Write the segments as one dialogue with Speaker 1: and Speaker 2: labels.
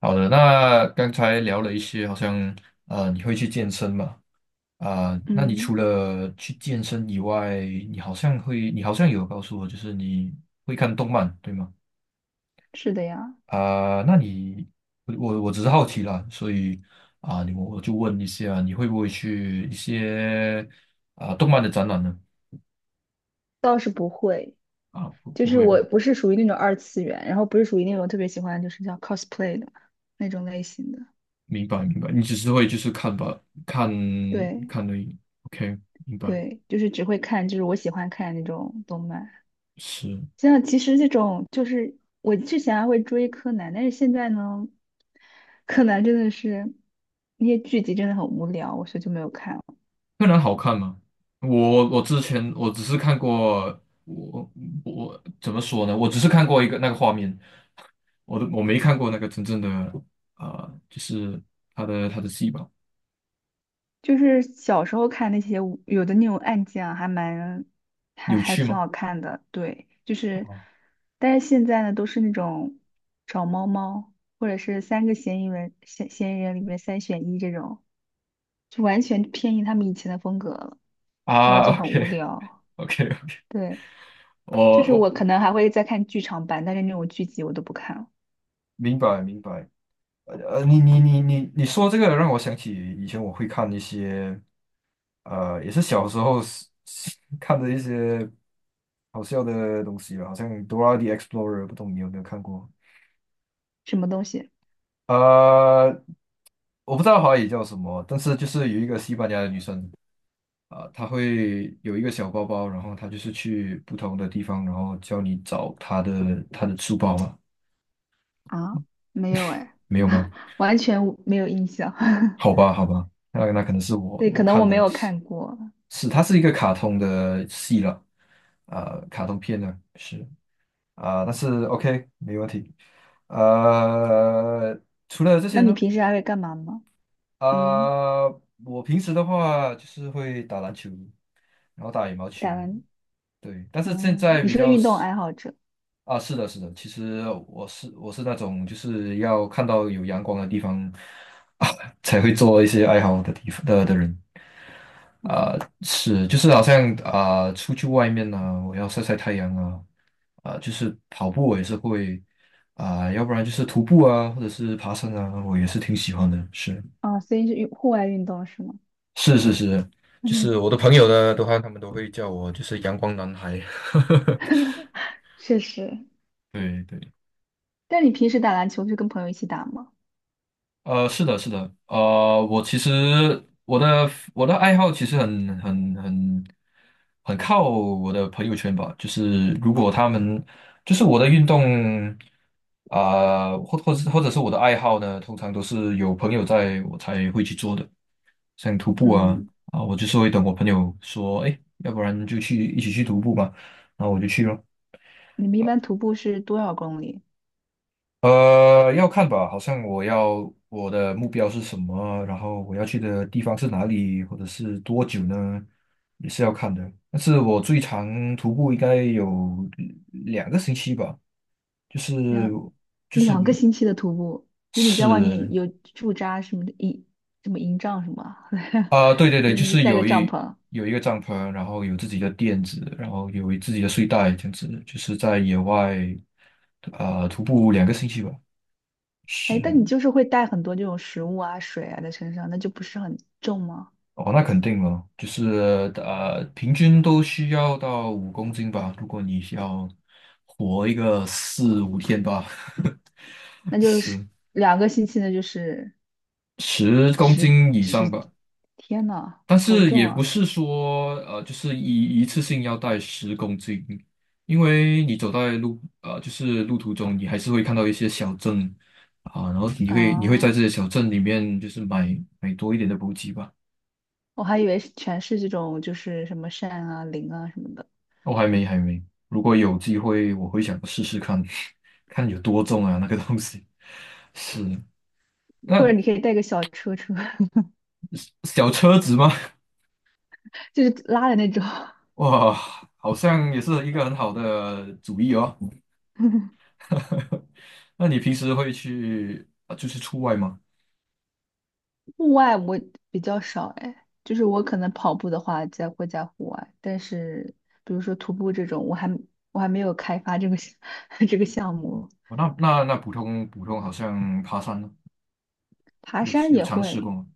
Speaker 1: 好的，那刚才聊了一些，好像你会去健身嘛？那你
Speaker 2: 嗯，
Speaker 1: 除了去健身以外，你好像有告诉我，就是你会看动漫，对吗？
Speaker 2: 是的呀。
Speaker 1: 啊、那你我只是好奇啦，所以我就问一下，你会不会去一些动漫的展览呢？
Speaker 2: 倒是不会，
Speaker 1: 不
Speaker 2: 就
Speaker 1: 不
Speaker 2: 是
Speaker 1: 会
Speaker 2: 我
Speaker 1: 吧？
Speaker 2: 不是属于那种二次元，然后不是属于那种特别喜欢就是叫 cosplay 的那种类型的。
Speaker 1: 明白明白，你只是会就是看吧，看
Speaker 2: 对
Speaker 1: 看的 OK，明白，
Speaker 2: 对，就是只会看，就是我喜欢看那种动漫。
Speaker 1: 是。
Speaker 2: 像其实这种就是我之前还会追柯南，但是现在呢，柯南真的是那些剧集真的很无聊，我所以就没有看了。
Speaker 1: 柯南好看吗？我之前我只是看过，我我怎么说呢？我只是看过一个那个画面，我没看过那个真正的就是他的戏吧？
Speaker 2: 就是小时候看那些有的那种案件啊，还蛮还
Speaker 1: 有
Speaker 2: 还
Speaker 1: 趣
Speaker 2: 挺
Speaker 1: 吗？
Speaker 2: 好看的。对，就是，但是现在呢，都是那种找猫猫，或者是三个嫌疑人嫌疑人里面三选一这种，就完全偏离他们以前的风格了，然后就很无
Speaker 1: OK
Speaker 2: 聊。
Speaker 1: OK，OK。
Speaker 2: 对，就
Speaker 1: 我
Speaker 2: 是我
Speaker 1: 我
Speaker 2: 可能还会再看剧场版，但是那种剧集我都不看了。
Speaker 1: 明白明白。你说这个让我想起以前我会看一些，也是小时候是 看的一些好笑的东西吧，好像《Dora the Explorer》，不懂你有没有看过？
Speaker 2: 什么东西
Speaker 1: 呃，我不知道华语叫什么，但是就是有一个西班牙的女生她会有一个小包包，然后她就是去不同的地方，然后教你找她的书包吗？
Speaker 2: 啊？没有哎。
Speaker 1: 没有吗？
Speaker 2: 完全无没有印象。
Speaker 1: 好吧，好吧，那可能是我
Speaker 2: 对，可
Speaker 1: 我
Speaker 2: 能
Speaker 1: 看
Speaker 2: 我没
Speaker 1: 的
Speaker 2: 有
Speaker 1: 是
Speaker 2: 看过。
Speaker 1: 是，它是一个卡通的戏了，卡通片呢是但是 OK 没问题，呃，除了这
Speaker 2: 那
Speaker 1: 些
Speaker 2: 你
Speaker 1: 呢？
Speaker 2: 平时还会干嘛吗？嗯。
Speaker 1: 啊，我平时的话就是会打篮球，然后打羽毛球，
Speaker 2: 打篮。
Speaker 1: 对。但是现
Speaker 2: 嗯，
Speaker 1: 在
Speaker 2: 你
Speaker 1: 比
Speaker 2: 是个
Speaker 1: 较
Speaker 2: 运动
Speaker 1: 是
Speaker 2: 爱好者。
Speaker 1: 啊，是的，是的。其实我是那种就是要看到有阳光的地方 啊，才会做一些爱好的地方的人。
Speaker 2: 嗯。
Speaker 1: 是，就是好像啊，出去外面呢，我要晒晒太阳啊，就是跑步我也是会要不然就是徒步啊，或者是爬山啊，我也是挺喜欢的。是。
Speaker 2: 哦，所以是运户外运动是吗？
Speaker 1: 是是是，就
Speaker 2: 嗯。
Speaker 1: 是我的朋友呢的话，他们都会叫我就是阳光男孩。
Speaker 2: 确实。
Speaker 1: 对对。
Speaker 2: 但你平时打篮球是跟朋友一起打吗？
Speaker 1: 是的，是的，我其实我的爱好其实很靠我的朋友圈吧，就是如果他们就是我的运动或者是我的爱好呢，通常都是有朋友在我才会去做的，像徒步啊
Speaker 2: 嗯。
Speaker 1: 啊，我就是会等我朋友说，哎，要不然就去一起去徒步吧，然后我就去了。
Speaker 2: 你们一般徒步是多少公里？
Speaker 1: 要看吧，好像我的目标是什么，然后我要去的地方是哪里，或者是多久呢，也是要看的。但是我最长徒步应该有两个星期吧，就是
Speaker 2: 两
Speaker 1: 就是
Speaker 2: 两个星期的徒步，就你在外面
Speaker 1: 是
Speaker 2: 有驻扎什么的营，什么营帐什么啊，
Speaker 1: 啊、对对
Speaker 2: 就
Speaker 1: 对，就
Speaker 2: 那个
Speaker 1: 是
Speaker 2: 带个帐篷。
Speaker 1: 有一个帐篷，然后有自己的垫子，然后有自己的睡袋，这样子，就是在野外徒步两个星期吧，是。
Speaker 2: 哎，但你就是会带很多这种食物啊、水啊在身上，那就不是很重吗？
Speaker 1: 哦，那肯定了，就是平均都需要到五公斤吧。如果你要活一个四五天吧，
Speaker 2: 那 就是
Speaker 1: 十
Speaker 2: 两个星期呢，就是
Speaker 1: 十公
Speaker 2: 十
Speaker 1: 斤以上
Speaker 2: 十，
Speaker 1: 吧。
Speaker 2: 天呐，
Speaker 1: 但
Speaker 2: 好
Speaker 1: 是也
Speaker 2: 重
Speaker 1: 不
Speaker 2: 啊！
Speaker 1: 是说就是一次性要带十公斤，因为你走在就是路途中，你还是会看到一些小镇然后你会在
Speaker 2: 啊，
Speaker 1: 这些小镇里面就是买多一点的补给吧。
Speaker 2: 我还以为是全是这种，就是什么扇啊、铃啊什么的。
Speaker 1: 我还没还没，如果有机会，我会想试试看，看有多重啊那个东西。是，
Speaker 2: 或者
Speaker 1: 那
Speaker 2: 你可以带个小车车，
Speaker 1: 小车子吗？
Speaker 2: 就是拉的那种。
Speaker 1: 哇，好像也是一个很好的主意哦。那你平时会去，就是出外吗？
Speaker 2: 户外我比较少哎，就是我可能跑步的话在会在户外，但是比如说徒步这种，我还没有开发这个 这个项目。
Speaker 1: 哦那普通好像爬山呢，
Speaker 2: 爬山
Speaker 1: 有
Speaker 2: 也
Speaker 1: 尝试过
Speaker 2: 会，
Speaker 1: 吗？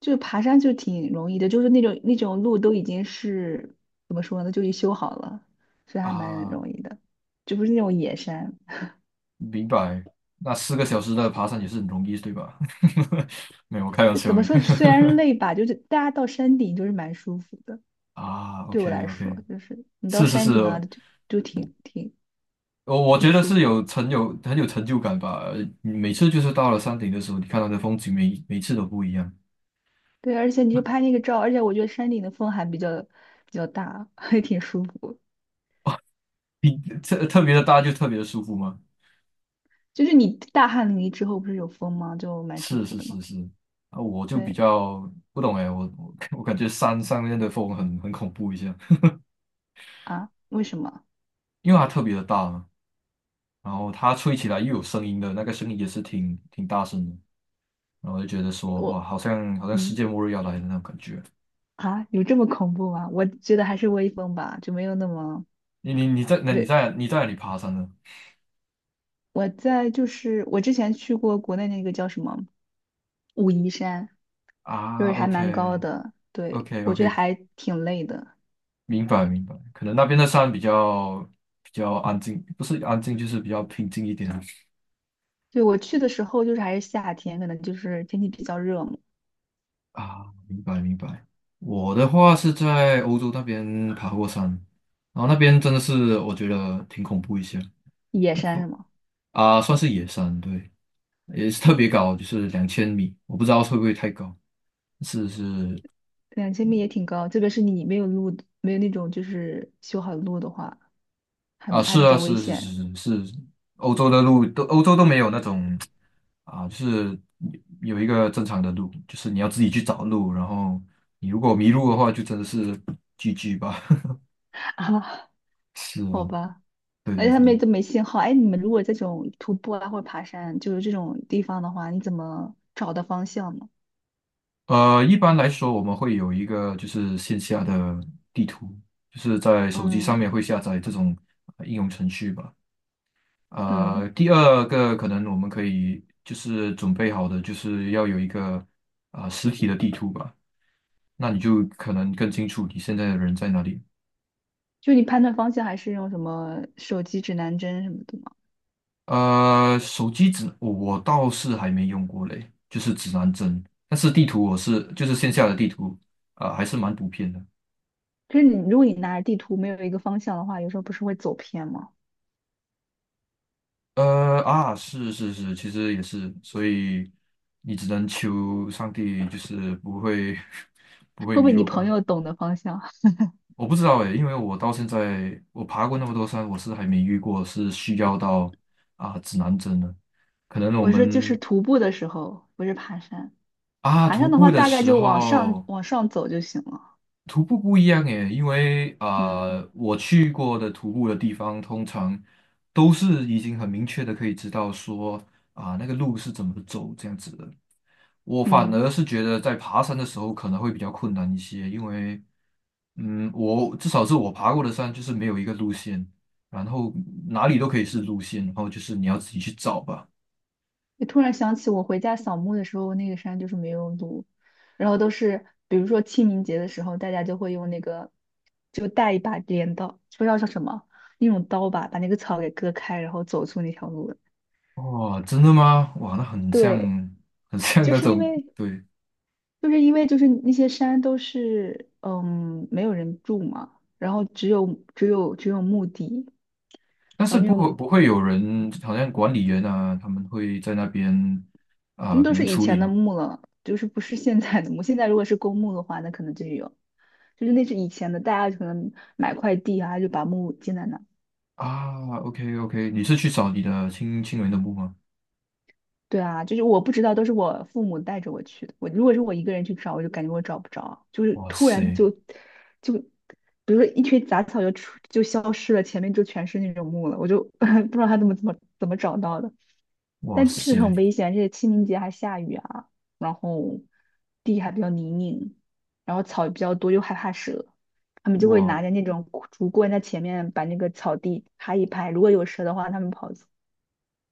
Speaker 2: 就是爬山就挺容易的，就是那种路都已经是怎么说呢，就已修好了，所以还蛮
Speaker 1: 啊，
Speaker 2: 容易的，就不是那种野山。
Speaker 1: 明白。那四个小时的爬山也是很容易，对吧？没有，我开玩笑
Speaker 2: 怎么
Speaker 1: 的。
Speaker 2: 说，虽然累吧，就是大家到山顶就是蛮舒服的。
Speaker 1: 啊
Speaker 2: 对我
Speaker 1: ，OK
Speaker 2: 来说，
Speaker 1: OK，
Speaker 2: 就是你到
Speaker 1: 是是是，
Speaker 2: 山顶啊，就挺
Speaker 1: 我
Speaker 2: 挺
Speaker 1: 觉得
Speaker 2: 舒
Speaker 1: 是
Speaker 2: 服的。
Speaker 1: 有很有成就感吧。每次就是到了山顶的时候，你看到的风景每次都不一样，
Speaker 2: 对，而且你就拍那个照，而且我觉得山顶的风还比较大，还挺舒服。
Speaker 1: 特别的大就特别的舒服嘛。
Speaker 2: 就是你大汗淋漓之后不是有风吗？就蛮舒
Speaker 1: 是
Speaker 2: 服
Speaker 1: 是
Speaker 2: 的嘛。
Speaker 1: 是是，我就比
Speaker 2: 对
Speaker 1: 较不懂哎，我 我感觉山上面的风很恐怖一下，
Speaker 2: 啊，为什么？
Speaker 1: 因为它特别的大嘛，然后它吹起来又有声音的，那个声音也是挺大声的，然后我就觉得说哇，
Speaker 2: 我。
Speaker 1: 好像世
Speaker 2: 嗯。
Speaker 1: 界末日要来的那种感觉。
Speaker 2: 啊，有这么恐怖吗？我觉得还是微风吧，就没有那么
Speaker 1: 你你你在那你
Speaker 2: 对。
Speaker 1: 在你在哪里爬山呢？
Speaker 2: 我在就是我之前去过国内那个叫什么武夷山，就
Speaker 1: 啊
Speaker 2: 是还蛮高
Speaker 1: ，OK，OK，OK，
Speaker 2: 的，对，我觉得还挺累的。
Speaker 1: 明白明白，可能那边的山比较安静，不是安静就是比较平静一点啊。
Speaker 2: 对，我去的时候就是还是夏天，可能就是天气比较热嘛。
Speaker 1: 明白明白。我的话是在欧洲那边爬过山，然后那边真的是我觉得挺恐怖一些
Speaker 2: 野山是吗？
Speaker 1: 算是野山，对，也是特别高，就是两千米，我不知道会不会太高，是是
Speaker 2: 2000米也挺高，特别是你没有路，没有那种就是修好的路的话，
Speaker 1: 啊，
Speaker 2: 还
Speaker 1: 是
Speaker 2: 比
Speaker 1: 啊，
Speaker 2: 较危
Speaker 1: 是是
Speaker 2: 险
Speaker 1: 是是是，欧洲都没有那种就是有一个正常的路，就是你要自己去找路，然后你如果迷路的话，就真的是 GG 吧。
Speaker 2: 啊。
Speaker 1: 是
Speaker 2: 好
Speaker 1: 啊，
Speaker 2: 吧，
Speaker 1: 对
Speaker 2: 而
Speaker 1: 对
Speaker 2: 且他们
Speaker 1: 对，
Speaker 2: 也都没信号。哎，你们如果这种徒步啊或者爬山，就是这种地方的话，你怎么找的方向呢？
Speaker 1: 一般来说我们会有一个就是线下的地图，就是在手机上
Speaker 2: 嗯。
Speaker 1: 面会下载这种应用程序吧。
Speaker 2: 嗯，
Speaker 1: 第二个可能我们可以就是准备好的就是要有一个实体的地图吧。那你就可能更清楚你现在的人在哪里。
Speaker 2: 就你判断方向还是用什么手机指南针什么的吗？
Speaker 1: 手机指我倒是还没用过嘞，就是指南针，但是地图就是线下的地图啊，还是蛮普遍的。
Speaker 2: 可是你如果你拿着地图没有一个方向的话，有时候不是会走偏吗？
Speaker 1: 是是是，其实也是，所以你只能求上帝，就是不会 不会
Speaker 2: 会不
Speaker 1: 迷
Speaker 2: 会你
Speaker 1: 路
Speaker 2: 朋
Speaker 1: 吧？
Speaker 2: 友懂得方向？
Speaker 1: 我不知道诶，因为我到现在我爬过那么多山，我是还没遇过是需要到指南针的。可能我
Speaker 2: 我说就是
Speaker 1: 们
Speaker 2: 徒步的时候，不是爬山。爬
Speaker 1: 徒
Speaker 2: 山的
Speaker 1: 步
Speaker 2: 话，
Speaker 1: 的
Speaker 2: 大概
Speaker 1: 时
Speaker 2: 就
Speaker 1: 候。
Speaker 2: 往上走就行了。
Speaker 1: 徒步不一样耶，因为啊，
Speaker 2: 嗯。
Speaker 1: 我去过的徒步的地方，通常都是已经很明确的可以知道说那个路是怎么走这样子的。我反而
Speaker 2: 嗯。
Speaker 1: 是觉得在爬山的时候可能会比较困难一些，因为我至少是我爬过的山就是没有一个路线，然后哪里都可以是路线，然后就是你要自己去找吧。
Speaker 2: 就突然想起我回家扫墓的时候，那个山就是没有路，然后都是比如说清明节的时候，大家就会用那个就带一把镰刀，不知道叫什么那种刀吧，把那个草给割开，然后走出那条路来。
Speaker 1: 哦，真的吗？哇，那很像，
Speaker 2: 对，
Speaker 1: 很像
Speaker 2: 就
Speaker 1: 那
Speaker 2: 是因
Speaker 1: 种，
Speaker 2: 为
Speaker 1: 对，
Speaker 2: 就是因为就是那些山都是嗯没有人住嘛，然后只有只有墓地，
Speaker 1: 但是
Speaker 2: 然后那种
Speaker 1: 不会有人，好像管理员啊，他们会在那边
Speaker 2: 那
Speaker 1: 可
Speaker 2: 都
Speaker 1: 能
Speaker 2: 是以
Speaker 1: 处理
Speaker 2: 前的
Speaker 1: 呢。
Speaker 2: 墓了，就是不是现在的墓。现在如果是公墓的话，那可能就有，就是那是以前的，大家可能买块地啊，就把墓建在那。
Speaker 1: OK OK，你是去找你的亲人的墓吗？
Speaker 2: 对啊，就是我不知道，都是我父母带着我去的。我如果是我一个人去找，我就感觉我找不着，就是
Speaker 1: 哇
Speaker 2: 突然
Speaker 1: 塞，
Speaker 2: 就就，比如说一群杂草就就消失了，前面就全是那种木了，我就 不知道他怎么找到的。
Speaker 1: 哇
Speaker 2: 但确实很
Speaker 1: 塞，
Speaker 2: 危险，而且清明节还下雨啊，然后地还比较泥泞，然后草比较多，又害怕蛇，他们就会
Speaker 1: 哇
Speaker 2: 拿着那种竹棍在前面把那个草地拍一拍，如果有蛇的话，他们跑。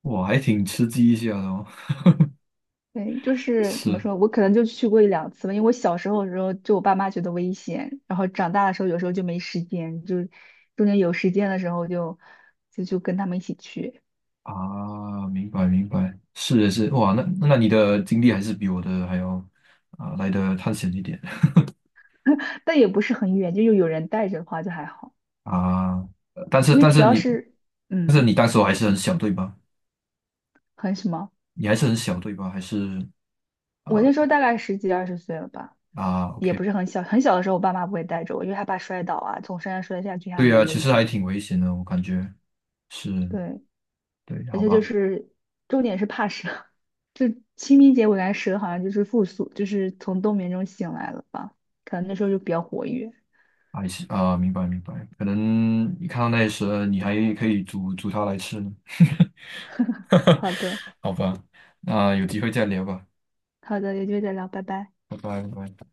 Speaker 1: 哇，还挺吃鸡一下的哦。
Speaker 2: 对，就 是怎么
Speaker 1: 是
Speaker 2: 说，我可能就去过1,2次吧，因为我小时候的时候，就我爸妈觉得危险，然后长大的时候有时候就没时间，就是中间有时间的时候就跟他们一起去，
Speaker 1: 啊，明白明白，是的是，哇，那你的经历还是比我的还要来的探险一点
Speaker 2: 但也不是很远，就有人带着的话就还好，
Speaker 1: 啊。但是
Speaker 2: 因为
Speaker 1: 但
Speaker 2: 主
Speaker 1: 是
Speaker 2: 要
Speaker 1: 你
Speaker 2: 是
Speaker 1: 但是
Speaker 2: 嗯，
Speaker 1: 你当时候还是很小对吧？
Speaker 2: 很什么，
Speaker 1: 你还是很小对吧？还是
Speaker 2: 我
Speaker 1: 啊
Speaker 2: 那时候大概10几20岁了吧，也
Speaker 1: OK。
Speaker 2: 不是很小，很小的时候我爸妈不会带着我，因为害怕摔倒啊，从山上摔下去还
Speaker 1: 对呀，
Speaker 2: 蛮
Speaker 1: 其
Speaker 2: 危
Speaker 1: 实
Speaker 2: 险
Speaker 1: 还
Speaker 2: 的。
Speaker 1: 挺危险的，我感觉是，
Speaker 2: 对，
Speaker 1: 对，
Speaker 2: 而
Speaker 1: 好
Speaker 2: 且就
Speaker 1: 吧，
Speaker 2: 是重点是怕蛇，就清明节我感觉蛇好像就是复苏，就是从冬眠中醒来了吧，可能那时候就比较活跃。
Speaker 1: 还是啊，明白明白，可能你看到那些蛇，你还可以煮煮它来吃呢，
Speaker 2: 好的。
Speaker 1: 好吧，那有机会再聊吧，
Speaker 2: 好的，有机会再聊，拜拜。
Speaker 1: 拜拜拜拜。